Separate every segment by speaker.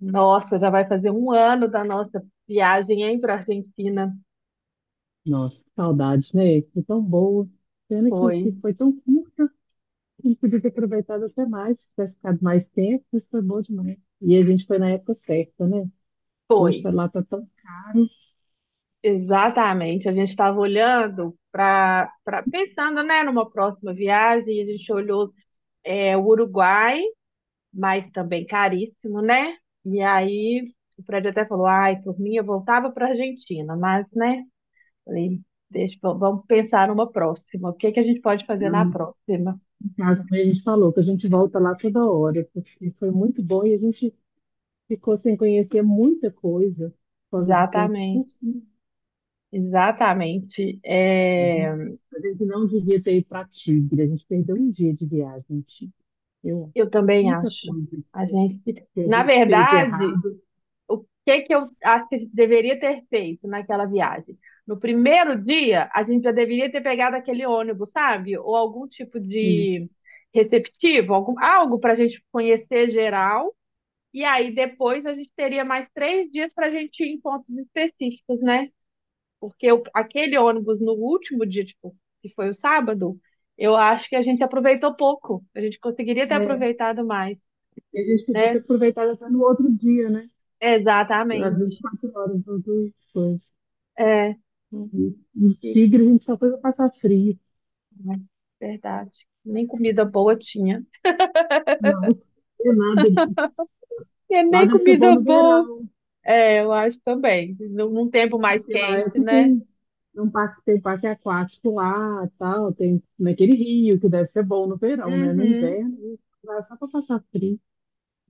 Speaker 1: Nossa, já vai fazer um ano da nossa viagem, hein, para Argentina.
Speaker 2: Nossa, que saudades, né? Foi tão boa. Pena que,
Speaker 1: Foi,
Speaker 2: que foi tão curta, podia ter aproveitado até mais, se tivesse ficado mais tempo, isso foi bom demais. E a gente foi na época certa, né? Porque hoje
Speaker 1: foi.
Speaker 2: tá lá, tá tão caro.
Speaker 1: Exatamente. A gente estava olhando para, pensando, né, numa próxima viagem. A gente olhou o Uruguai, mas também caríssimo, né? E aí o prédio até falou, ai, por mim eu voltava para Argentina, mas, né? Falei, deixa, vamos pensar numa próxima. O que que a gente pode fazer
Speaker 2: Lá
Speaker 1: na próxima?
Speaker 2: Em casa também a gente falou que a gente volta lá toda hora, porque foi muito bom e a gente ficou sem conhecer muita coisa por causa do tempo
Speaker 1: Exatamente.
Speaker 2: curtinho.
Speaker 1: Exatamente. É,
Speaker 2: A gente não devia ter ido para Tigre, a gente perdeu um dia de viagem, em Tigre. Eu,
Speaker 1: Eu
Speaker 2: a
Speaker 1: também
Speaker 2: única
Speaker 1: acho.
Speaker 2: coisa
Speaker 1: A gente,
Speaker 2: que a
Speaker 1: na
Speaker 2: gente fez de
Speaker 1: verdade,
Speaker 2: errado,
Speaker 1: o que que eu acho que a gente deveria ter feito naquela viagem? No primeiro dia, a gente já deveria ter pegado aquele ônibus, sabe? Ou algum tipo
Speaker 2: né?
Speaker 1: de receptivo, algum, algo para a gente conhecer geral. E aí depois a gente teria mais três dias para a gente ir em pontos específicos, né? Porque aquele ônibus no último dia, tipo, que foi o sábado, eu acho que a gente aproveitou pouco. A gente conseguiria ter
Speaker 2: É,
Speaker 1: aproveitado mais
Speaker 2: e a gente podia ter
Speaker 1: né?
Speaker 2: aproveitado até no outro dia, né? Às
Speaker 1: Exatamente.
Speaker 2: 24 horas, as duas coisas.
Speaker 1: É,
Speaker 2: E
Speaker 1: e-
Speaker 2: Tigre, a gente só foi pra passar frio.
Speaker 1: né, verdade. Nem comida boa tinha.
Speaker 2: Não, é nada.
Speaker 1: E
Speaker 2: Lá
Speaker 1: nem
Speaker 2: deve ser bom
Speaker 1: comida
Speaker 2: no
Speaker 1: boa.
Speaker 2: verão,
Speaker 1: É, eu acho também. Num tempo mais
Speaker 2: porque lá é
Speaker 1: quente,
Speaker 2: que
Speaker 1: né?
Speaker 2: tem um parque aquático lá, tal, tem naquele rio, que deve ser bom no verão, né? No
Speaker 1: Uhum.
Speaker 2: inverno, a gente vai só pra passar frio.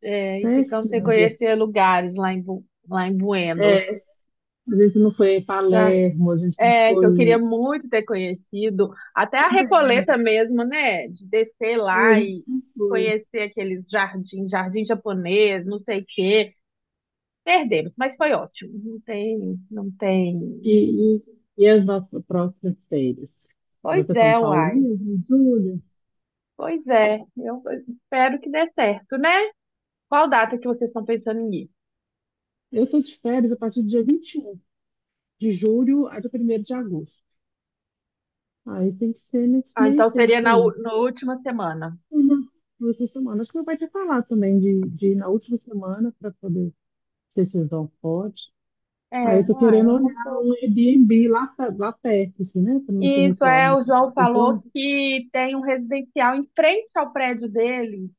Speaker 1: É, e ficamos sem
Speaker 2: Péssimo, né?
Speaker 1: conhecer lugares lá em, lá em Buenos.
Speaker 2: É, a gente não foi em
Speaker 1: Ah,
Speaker 2: Palermo, a gente não
Speaker 1: é, que eu queria
Speaker 2: foi
Speaker 1: muito ter conhecido. Até a
Speaker 2: também.
Speaker 1: Recoleta mesmo, né? De descer
Speaker 2: É,
Speaker 1: lá
Speaker 2: a gente
Speaker 1: e
Speaker 2: não foi.
Speaker 1: conhecer aqueles jardins, jardim japonês, não sei o quê. Perdemos, mas foi ótimo. Não tem.
Speaker 2: E, e, e as nossas próximas férias? Vai
Speaker 1: Pois
Speaker 2: para São
Speaker 1: é,
Speaker 2: Paulo
Speaker 1: uai.
Speaker 2: mesmo, em julho?
Speaker 1: Pois é. Eu espero que dê certo, né? Qual data que vocês estão pensando em ir?
Speaker 2: Eu estou de férias a partir do dia 21 de julho a dia primeiro de agosto. Aí tem que ser nesse
Speaker 1: Ah,
Speaker 2: meio
Speaker 1: então seria
Speaker 2: tempo
Speaker 1: na,
Speaker 2: aí.
Speaker 1: na última semana.
Speaker 2: Uma, duas por semana. Acho que meu pai tinha falado também de ir na última semana para poder, não sei se o João pode. Aí
Speaker 1: É,
Speaker 2: eu tô
Speaker 1: uai,
Speaker 2: querendo
Speaker 1: é uma
Speaker 2: olhar
Speaker 1: boa.
Speaker 2: um Airbnb lá, lá perto, assim, né? Para não
Speaker 1: Isso
Speaker 2: tumultuar
Speaker 1: é, o
Speaker 2: muito a
Speaker 1: João
Speaker 2: casa do
Speaker 1: falou
Speaker 2: João.
Speaker 1: que tem um residencial em frente ao prédio dele,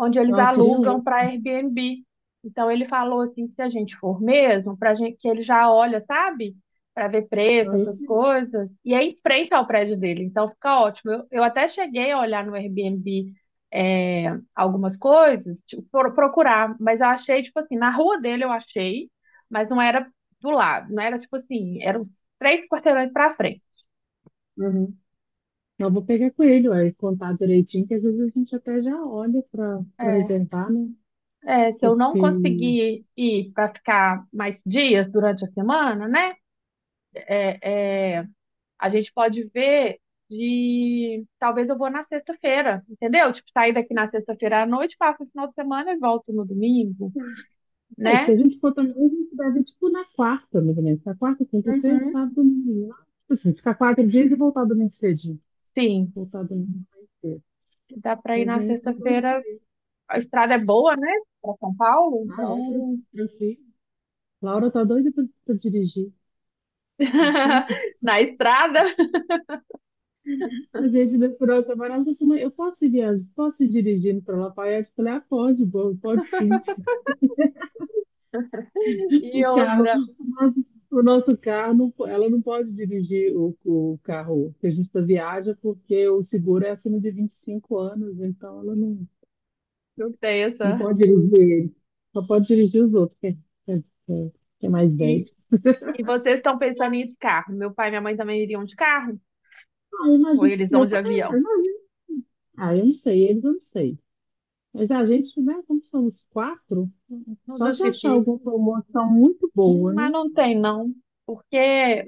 Speaker 1: onde eles
Speaker 2: Ah, eu queria
Speaker 1: alugam
Speaker 2: ler.
Speaker 1: para Airbnb. Então ele falou assim, se a gente for mesmo, para gente que ele já olha, sabe? Para ver preço,
Speaker 2: Aí
Speaker 1: essas coisas. E é em frente ao prédio dele, então fica ótimo. Eu até cheguei a olhar no Airbnb é, algumas coisas, tipo, procurar, mas eu achei, tipo assim, na rua dele eu achei, mas não era do lado, não era tipo assim, eram três quarteirões para frente.
Speaker 2: eu, Não, vou pegar com ele, ué, contar direitinho, que às vezes a gente até já olha para
Speaker 1: É,
Speaker 2: reservar, né?
Speaker 1: é, se eu não
Speaker 2: Porque.
Speaker 1: conseguir ir para ficar mais dias durante a semana, né? é, é, a gente pode ver de talvez eu vou na sexta-feira, entendeu? Tipo, sair daqui na sexta-feira à noite, passo o final de semana e volto no domingo,
Speaker 2: É, se
Speaker 1: né?
Speaker 2: a gente for também, a gente deve, tipo, na quarta, mais ou menos. Na quarta, quinta, sexta,
Speaker 1: Uhum.
Speaker 2: sábado, domingo, lá. Tipo assim, ficar quatro dias e voltar domingo cedinho.
Speaker 1: Sim,
Speaker 2: Voltar domingo mais cedo.
Speaker 1: dá para ir
Speaker 2: Às
Speaker 1: na
Speaker 2: vezes tá doido por
Speaker 1: sexta-feira.
Speaker 2: aí.
Speaker 1: A estrada é boa, né? Para São Paulo,
Speaker 2: Ah, é,
Speaker 1: então
Speaker 2: tranquilo. Laura tá doida pra dirigir. Achando que
Speaker 1: na estrada
Speaker 2: a gente deu por outra semana, ela falou assim: "Mãe, eu posso ir viajar, posso ir dirigindo pra Lafayette?" Eu falei: "Ah, pode, boa, pode sim." O
Speaker 1: e
Speaker 2: carro,
Speaker 1: outra,
Speaker 2: o nosso, o nosso carro, ela não pode dirigir o carro que a gente tá viaja, porque o seguro é acima de 25 anos, então ela não,
Speaker 1: não tem
Speaker 2: não
Speaker 1: essa.
Speaker 2: pode dirigir ele. Só pode dirigir os outros, que é mais velho.
Speaker 1: E, e vocês estão pensando em ir de carro? Meu pai e minha mãe também iriam de carro?
Speaker 2: Ah, eu
Speaker 1: Ou
Speaker 2: imagino
Speaker 1: eles
Speaker 2: que
Speaker 1: vão
Speaker 2: meu
Speaker 1: de
Speaker 2: pai. É,
Speaker 1: avião?
Speaker 2: eu imagino. Ah, eu não sei, eles eu não sei. Mas a gente, né, como somos quatro,
Speaker 1: Não
Speaker 2: só se achar
Speaker 1: justifica.
Speaker 2: alguma promoção muito boa,
Speaker 1: Mas
Speaker 2: né?
Speaker 1: não tem, não. Porque,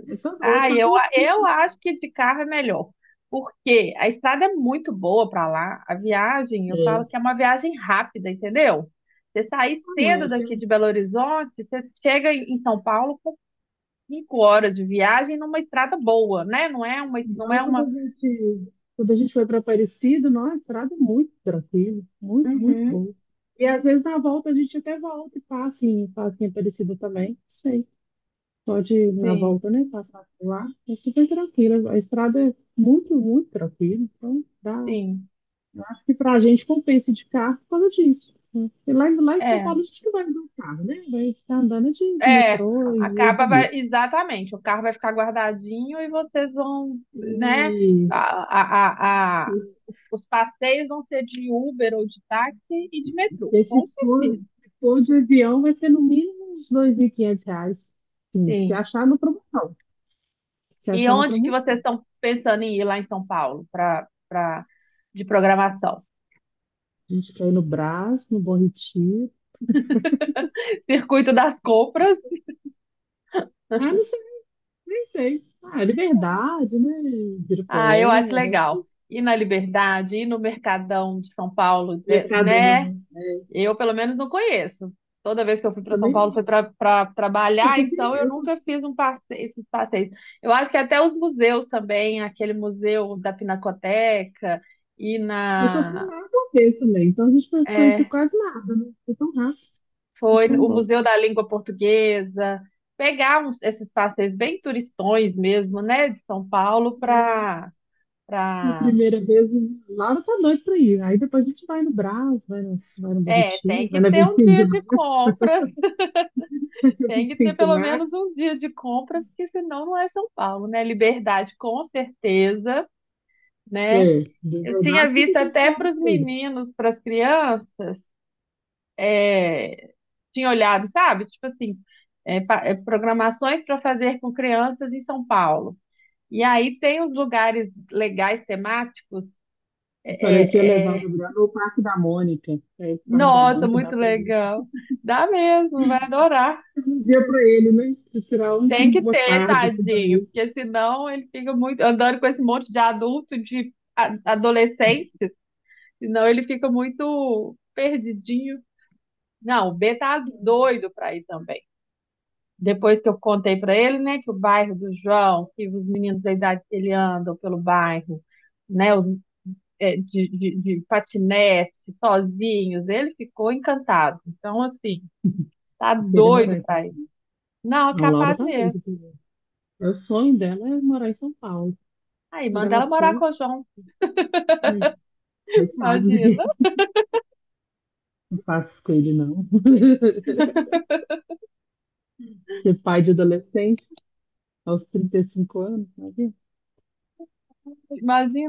Speaker 2: Eu tô doida,
Speaker 1: ah,
Speaker 2: tá
Speaker 1: eu,
Speaker 2: tudo
Speaker 1: eu acho que de carro é melhor. Porque a estrada é muito boa para lá. A viagem, eu falo
Speaker 2: certo.
Speaker 1: que é uma viagem rápida, entendeu? Você sair
Speaker 2: Não é.
Speaker 1: cedo daqui de Belo Horizonte, você chega em São Paulo com cinco horas de viagem numa estrada boa, né? Não é uma, não
Speaker 2: Então,
Speaker 1: é
Speaker 2: quando a
Speaker 1: uma.
Speaker 2: gente, quando a gente foi para Aparecida, nossa, a estrada é muito tranquila, muito, muito
Speaker 1: Uhum,
Speaker 2: boa. E às vezes na volta a gente até volta e passa em Aparecida também, não sei. Pode ir na
Speaker 1: sim,
Speaker 2: volta, né, passar por lá. É super tranquila, a estrada é muito, muito tranquila. Então, dá,
Speaker 1: sim.
Speaker 2: acho que para a gente compensa de carro por causa disso, né? E lá, lá em São
Speaker 1: É,
Speaker 2: Paulo a gente não vai andar de carro, né? Vai ficar andando de
Speaker 1: é.
Speaker 2: metrô e
Speaker 1: A capa vai,
Speaker 2: Uber.
Speaker 1: exatamente, o carro vai ficar guardadinho e vocês vão, né? a, a,
Speaker 2: E
Speaker 1: Os passeios vão ser de Uber ou de táxi e de metrô,
Speaker 2: Esse
Speaker 1: com
Speaker 2: tour,
Speaker 1: certeza.
Speaker 2: esse tour de avião vai ser no mínimo uns R$ 2.500. Sim, se
Speaker 1: Sim.
Speaker 2: achar no promoção. Se
Speaker 1: E
Speaker 2: achar na
Speaker 1: onde que vocês
Speaker 2: promoção.
Speaker 1: estão pensando em ir lá em São Paulo para de programação?
Speaker 2: A gente quer ir no Brás, no Bom Retiro.
Speaker 1: Circuito das compras.
Speaker 2: Ah, não sei, nem sei. Ah, Liberdade, né?
Speaker 1: Ah, eu acho
Speaker 2: Ibirapuera,
Speaker 1: legal. Ir na Liberdade, ir no Mercadão de São Paulo, né?
Speaker 2: Mercadão. É,
Speaker 1: Eu, pelo menos, não conheço. Toda vez que eu fui para São
Speaker 2: também,
Speaker 1: Paulo foi para
Speaker 2: eu
Speaker 1: trabalhar,
Speaker 2: só fui,
Speaker 1: então eu
Speaker 2: eu só,
Speaker 1: nunca fiz um passeio, esses passeios. Eu acho que até os museus também, aquele museu da Pinacoteca e
Speaker 2: eu só fui
Speaker 1: na
Speaker 2: lá uma vez também. Então a gente não conhece
Speaker 1: é,
Speaker 2: quase nada, né? Foi tão rápido, foi
Speaker 1: foi
Speaker 2: tão
Speaker 1: o
Speaker 2: bom.
Speaker 1: Museu da Língua Portuguesa, pegar esses passeios bem turistões mesmo, né, de São Paulo
Speaker 2: É.
Speaker 1: para
Speaker 2: A
Speaker 1: para
Speaker 2: primeira vez, Laura tá doido pra ir. Aí depois a gente vai no Brás, vai no
Speaker 1: é, tem
Speaker 2: Borritinho, vai
Speaker 1: que
Speaker 2: na
Speaker 1: ter um
Speaker 2: 25 de
Speaker 1: dia de
Speaker 2: março.
Speaker 1: compras. Tem que ter
Speaker 2: 25 de
Speaker 1: pelo
Speaker 2: março.
Speaker 1: menos uns dias de compras, que senão não é São Paulo, né? Liberdade, com certeza, né?
Speaker 2: É, de
Speaker 1: Eu tinha
Speaker 2: verdade, você
Speaker 1: visto
Speaker 2: tem a
Speaker 1: até
Speaker 2: Laura
Speaker 1: para os
Speaker 2: pra ir.
Speaker 1: meninos, para as crianças, é, tinha olhado, sabe? Tipo assim, é, programações para fazer com crianças em São Paulo. E aí tem os lugares legais, temáticos.
Speaker 2: Eu falei que ia
Speaker 1: é, é,
Speaker 2: levar
Speaker 1: é.
Speaker 2: o Brás no Parque da Mônica. É, o Parque da
Speaker 1: Nossa,
Speaker 2: Mônica dá
Speaker 1: muito
Speaker 2: pra ir.
Speaker 1: legal. Dá mesmo, vai adorar.
Speaker 2: Um dia pra ele, né? Pra tirar
Speaker 1: Tem que
Speaker 2: uma
Speaker 1: ter,
Speaker 2: tarde assim, pra
Speaker 1: tadinho,
Speaker 2: ele.
Speaker 1: porque senão ele fica muito andando com esse monte de adulto, de adolescente, senão ele fica muito perdidinho. Não, o B tá doido pra ir também. Depois que eu contei pra ele, né, que o bairro do João, que os meninos da idade que ele andam pelo bairro, né, de, de patinete, sozinhos, ele ficou encantado. Então, assim, tá
Speaker 2: Querer morar
Speaker 1: doido
Speaker 2: em São
Speaker 1: pra ir.
Speaker 2: Paulo.
Speaker 1: Não, é
Speaker 2: Não, a Laura
Speaker 1: capaz
Speaker 2: tá
Speaker 1: mesmo.
Speaker 2: doida pra ir. É. O sonho dela é morar em São Paulo.
Speaker 1: Aí,
Speaker 2: Quando
Speaker 1: manda
Speaker 2: ela
Speaker 1: ela morar
Speaker 2: for,
Speaker 1: com o João,
Speaker 2: hum, coitado, né?
Speaker 1: imagina.
Speaker 2: Não faço isso com ele, não. Ser pai de adolescente aos 35 anos, sabe?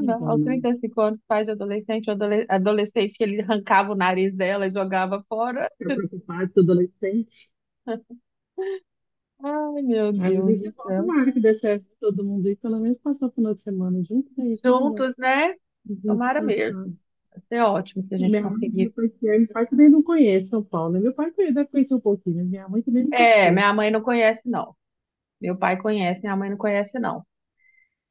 Speaker 2: Não dá,
Speaker 1: aos
Speaker 2: não.
Speaker 1: 35 anos, pais de adolescente, ou adolescente que ele arrancava o nariz dela e jogava fora.
Speaker 2: Ficar preocupado com adolescente.
Speaker 1: Ai, meu
Speaker 2: Ai, mas
Speaker 1: Deus
Speaker 2: isso é
Speaker 1: do
Speaker 2: bom,
Speaker 1: céu.
Speaker 2: tomara que dê certo pra todo mundo aí, pelo menos passar o final de semana junto, daí isso é legal.
Speaker 1: Juntos, né?
Speaker 2: A gente
Speaker 1: Tomara
Speaker 2: descansar.
Speaker 1: mesmo. Vai ser ótimo se a gente
Speaker 2: Minha mãe
Speaker 1: conseguir.
Speaker 2: depois que é, meu pai também não conhece São Paulo, né? Meu pai conhece, deve conhecer um pouquinho, mas minha mãe também nunca
Speaker 1: É,
Speaker 2: foi.
Speaker 1: minha mãe não conhece, não. Meu pai conhece, minha mãe não conhece, não.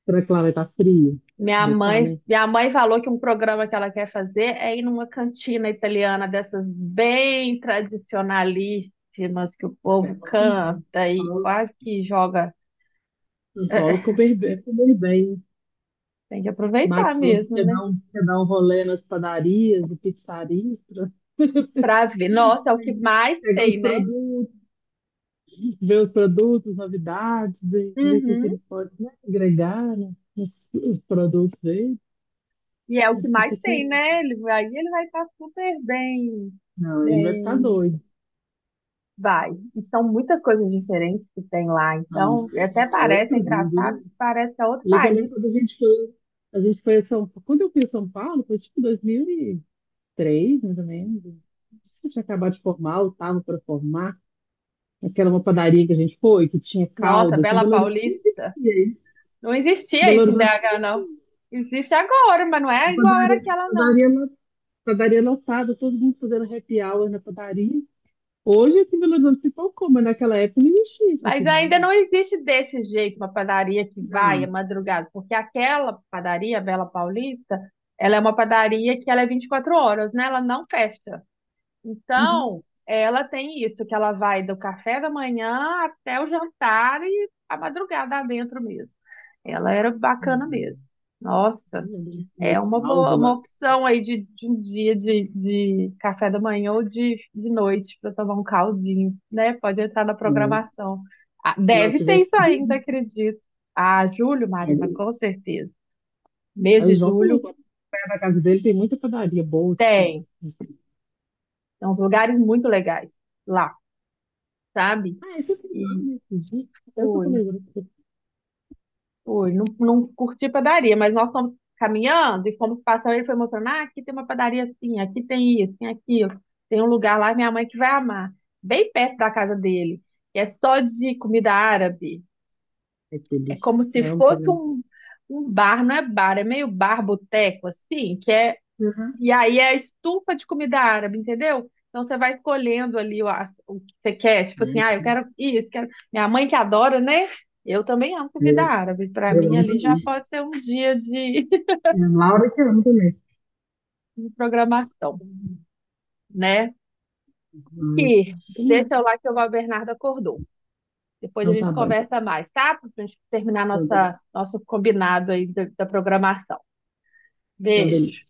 Speaker 2: Será que lá vai estar frio?
Speaker 1: Minha
Speaker 2: Deve estar, né?
Speaker 1: mãe, minha mãe falou que um programa que ela quer fazer é ir numa cantina italiana dessas bem tradicionalíssimas que o
Speaker 2: Isso é
Speaker 1: povo
Speaker 2: bom também.
Speaker 1: canta
Speaker 2: São
Speaker 1: e
Speaker 2: Paulo,
Speaker 1: quase que joga.
Speaker 2: São Paulo ficou bem.
Speaker 1: Tem que aproveitar
Speaker 2: Max falou que
Speaker 1: mesmo,
Speaker 2: quer
Speaker 1: né?
Speaker 2: dar um, quer dar um rolê nas padarias e pizzarias pra
Speaker 1: Pra ver. Nossa, é o que mais
Speaker 2: pegar
Speaker 1: tem,
Speaker 2: os
Speaker 1: né?
Speaker 2: produtos, ver os produtos, novidades, ver o que, que
Speaker 1: Uhum.
Speaker 2: ele pode, né, agregar, né, os produtos dele.
Speaker 1: E é o que
Speaker 2: Acho que tá
Speaker 1: mais tem,
Speaker 2: querendo.
Speaker 1: né? Ele vai, aí ele vai estar super bem,
Speaker 2: Não, ele vai ficar
Speaker 1: bem.
Speaker 2: doido.
Speaker 1: Vai. E são muitas coisas diferentes que tem lá.
Speaker 2: Não,
Speaker 1: Então, até
Speaker 2: é
Speaker 1: parece é
Speaker 2: outro mundo, né?
Speaker 1: engraçado, parece que é outro
Speaker 2: Ele é que eu lembro
Speaker 1: país.
Speaker 2: quando a gente foi a São Paulo. Quando eu fui a São Paulo, foi tipo 2003, mais ou menos. Acho que eu tinha acabado de formar, ou estava para formar. Aquela uma padaria que a gente foi, que tinha
Speaker 1: Nossa,
Speaker 2: calda, que em
Speaker 1: Bela
Speaker 2: Belo Horizonte não
Speaker 1: Paulista.
Speaker 2: existia isso.
Speaker 1: Não
Speaker 2: Em
Speaker 1: existia
Speaker 2: Belo
Speaker 1: isso em
Speaker 2: Horizonte,
Speaker 1: BH, não. Existe agora, mas não é igual era aquela,
Speaker 2: a
Speaker 1: não.
Speaker 2: padaria lá padaria lotada, todo mundo fazendo happy hour na padaria. Hoje aqui em Belo Horizonte se tocou, mas naquela época não existia isso
Speaker 1: Mas
Speaker 2: aqui,
Speaker 1: ainda
Speaker 2: não.
Speaker 1: não existe desse jeito uma padaria que vai à
Speaker 2: Não.
Speaker 1: madrugada, porque aquela padaria, a Bela Paulista, ela é uma padaria que ela é 24 horas, né? Ela não fecha.
Speaker 2: Uhum.
Speaker 1: Então, ela tem isso, que ela vai do café da manhã até o jantar e a madrugada dentro mesmo. Ela era bacana mesmo.
Speaker 2: hum, Eu
Speaker 1: Nossa,
Speaker 2: lembro de
Speaker 1: é
Speaker 2: comer
Speaker 1: uma boa,
Speaker 2: caldo lá.
Speaker 1: uma opção aí de um dia de café da manhã ou de noite para tomar um caldinho, né? Pode entrar na
Speaker 2: É.
Speaker 1: programação. Ah,
Speaker 2: Lá
Speaker 1: deve ter
Speaker 2: tivesse
Speaker 1: isso
Speaker 2: frio,
Speaker 1: ainda,
Speaker 2: né?
Speaker 1: acredito. Ah, julho,
Speaker 2: Aí
Speaker 1: Marina, com certeza. Mês
Speaker 2: o
Speaker 1: de
Speaker 2: João falou
Speaker 1: julho
Speaker 2: que perto da casa dele tem muita padaria boa, tipo,
Speaker 1: tem.
Speaker 2: assim.
Speaker 1: Tem uns lugares muito legais lá, sabe?
Speaker 2: Ah, esse é o
Speaker 1: E
Speaker 2: né? Esse dia. Até eu tô
Speaker 1: fui.
Speaker 2: comendo.
Speaker 1: Fui, não, não curti padaria, mas nós fomos caminhando e fomos passando. Ele foi mostrando: ah, aqui tem uma padaria assim, aqui tem isso, tem aquilo. Tem um lugar lá, minha mãe que vai amar, bem perto da casa dele. E é só de comida árabe.
Speaker 2: É
Speaker 1: É
Speaker 2: delícia.
Speaker 1: como
Speaker 2: Eu
Speaker 1: se
Speaker 2: amo
Speaker 1: fosse
Speaker 2: também.
Speaker 1: um, um bar, não é bar, é meio bar boteco, assim, que é
Speaker 2: Aham,
Speaker 1: e aí é a estufa de comida árabe, entendeu? Então você vai escolhendo ali o que você quer, tipo assim,
Speaker 2: né?
Speaker 1: ah, eu quero isso, quero... Minha mãe que adora, né? Eu também amo comida
Speaker 2: Eu,
Speaker 1: árabe. Para
Speaker 2: eu
Speaker 1: mim
Speaker 2: amo
Speaker 1: ali já
Speaker 2: também.
Speaker 1: pode ser um dia de,
Speaker 2: É, a Laura que amo também.
Speaker 1: de programação, né?
Speaker 2: Mas,
Speaker 1: Que
Speaker 2: Tomara.
Speaker 1: deixa eu lá que o Val Bernardo acordou. Depois a
Speaker 2: Não
Speaker 1: gente
Speaker 2: tá bom.
Speaker 1: conversa mais, tá? Pra gente terminar
Speaker 2: Pronto, tá bom.
Speaker 1: nossa, nosso combinado aí da programação.
Speaker 2: Então, beleza.
Speaker 1: Beijo.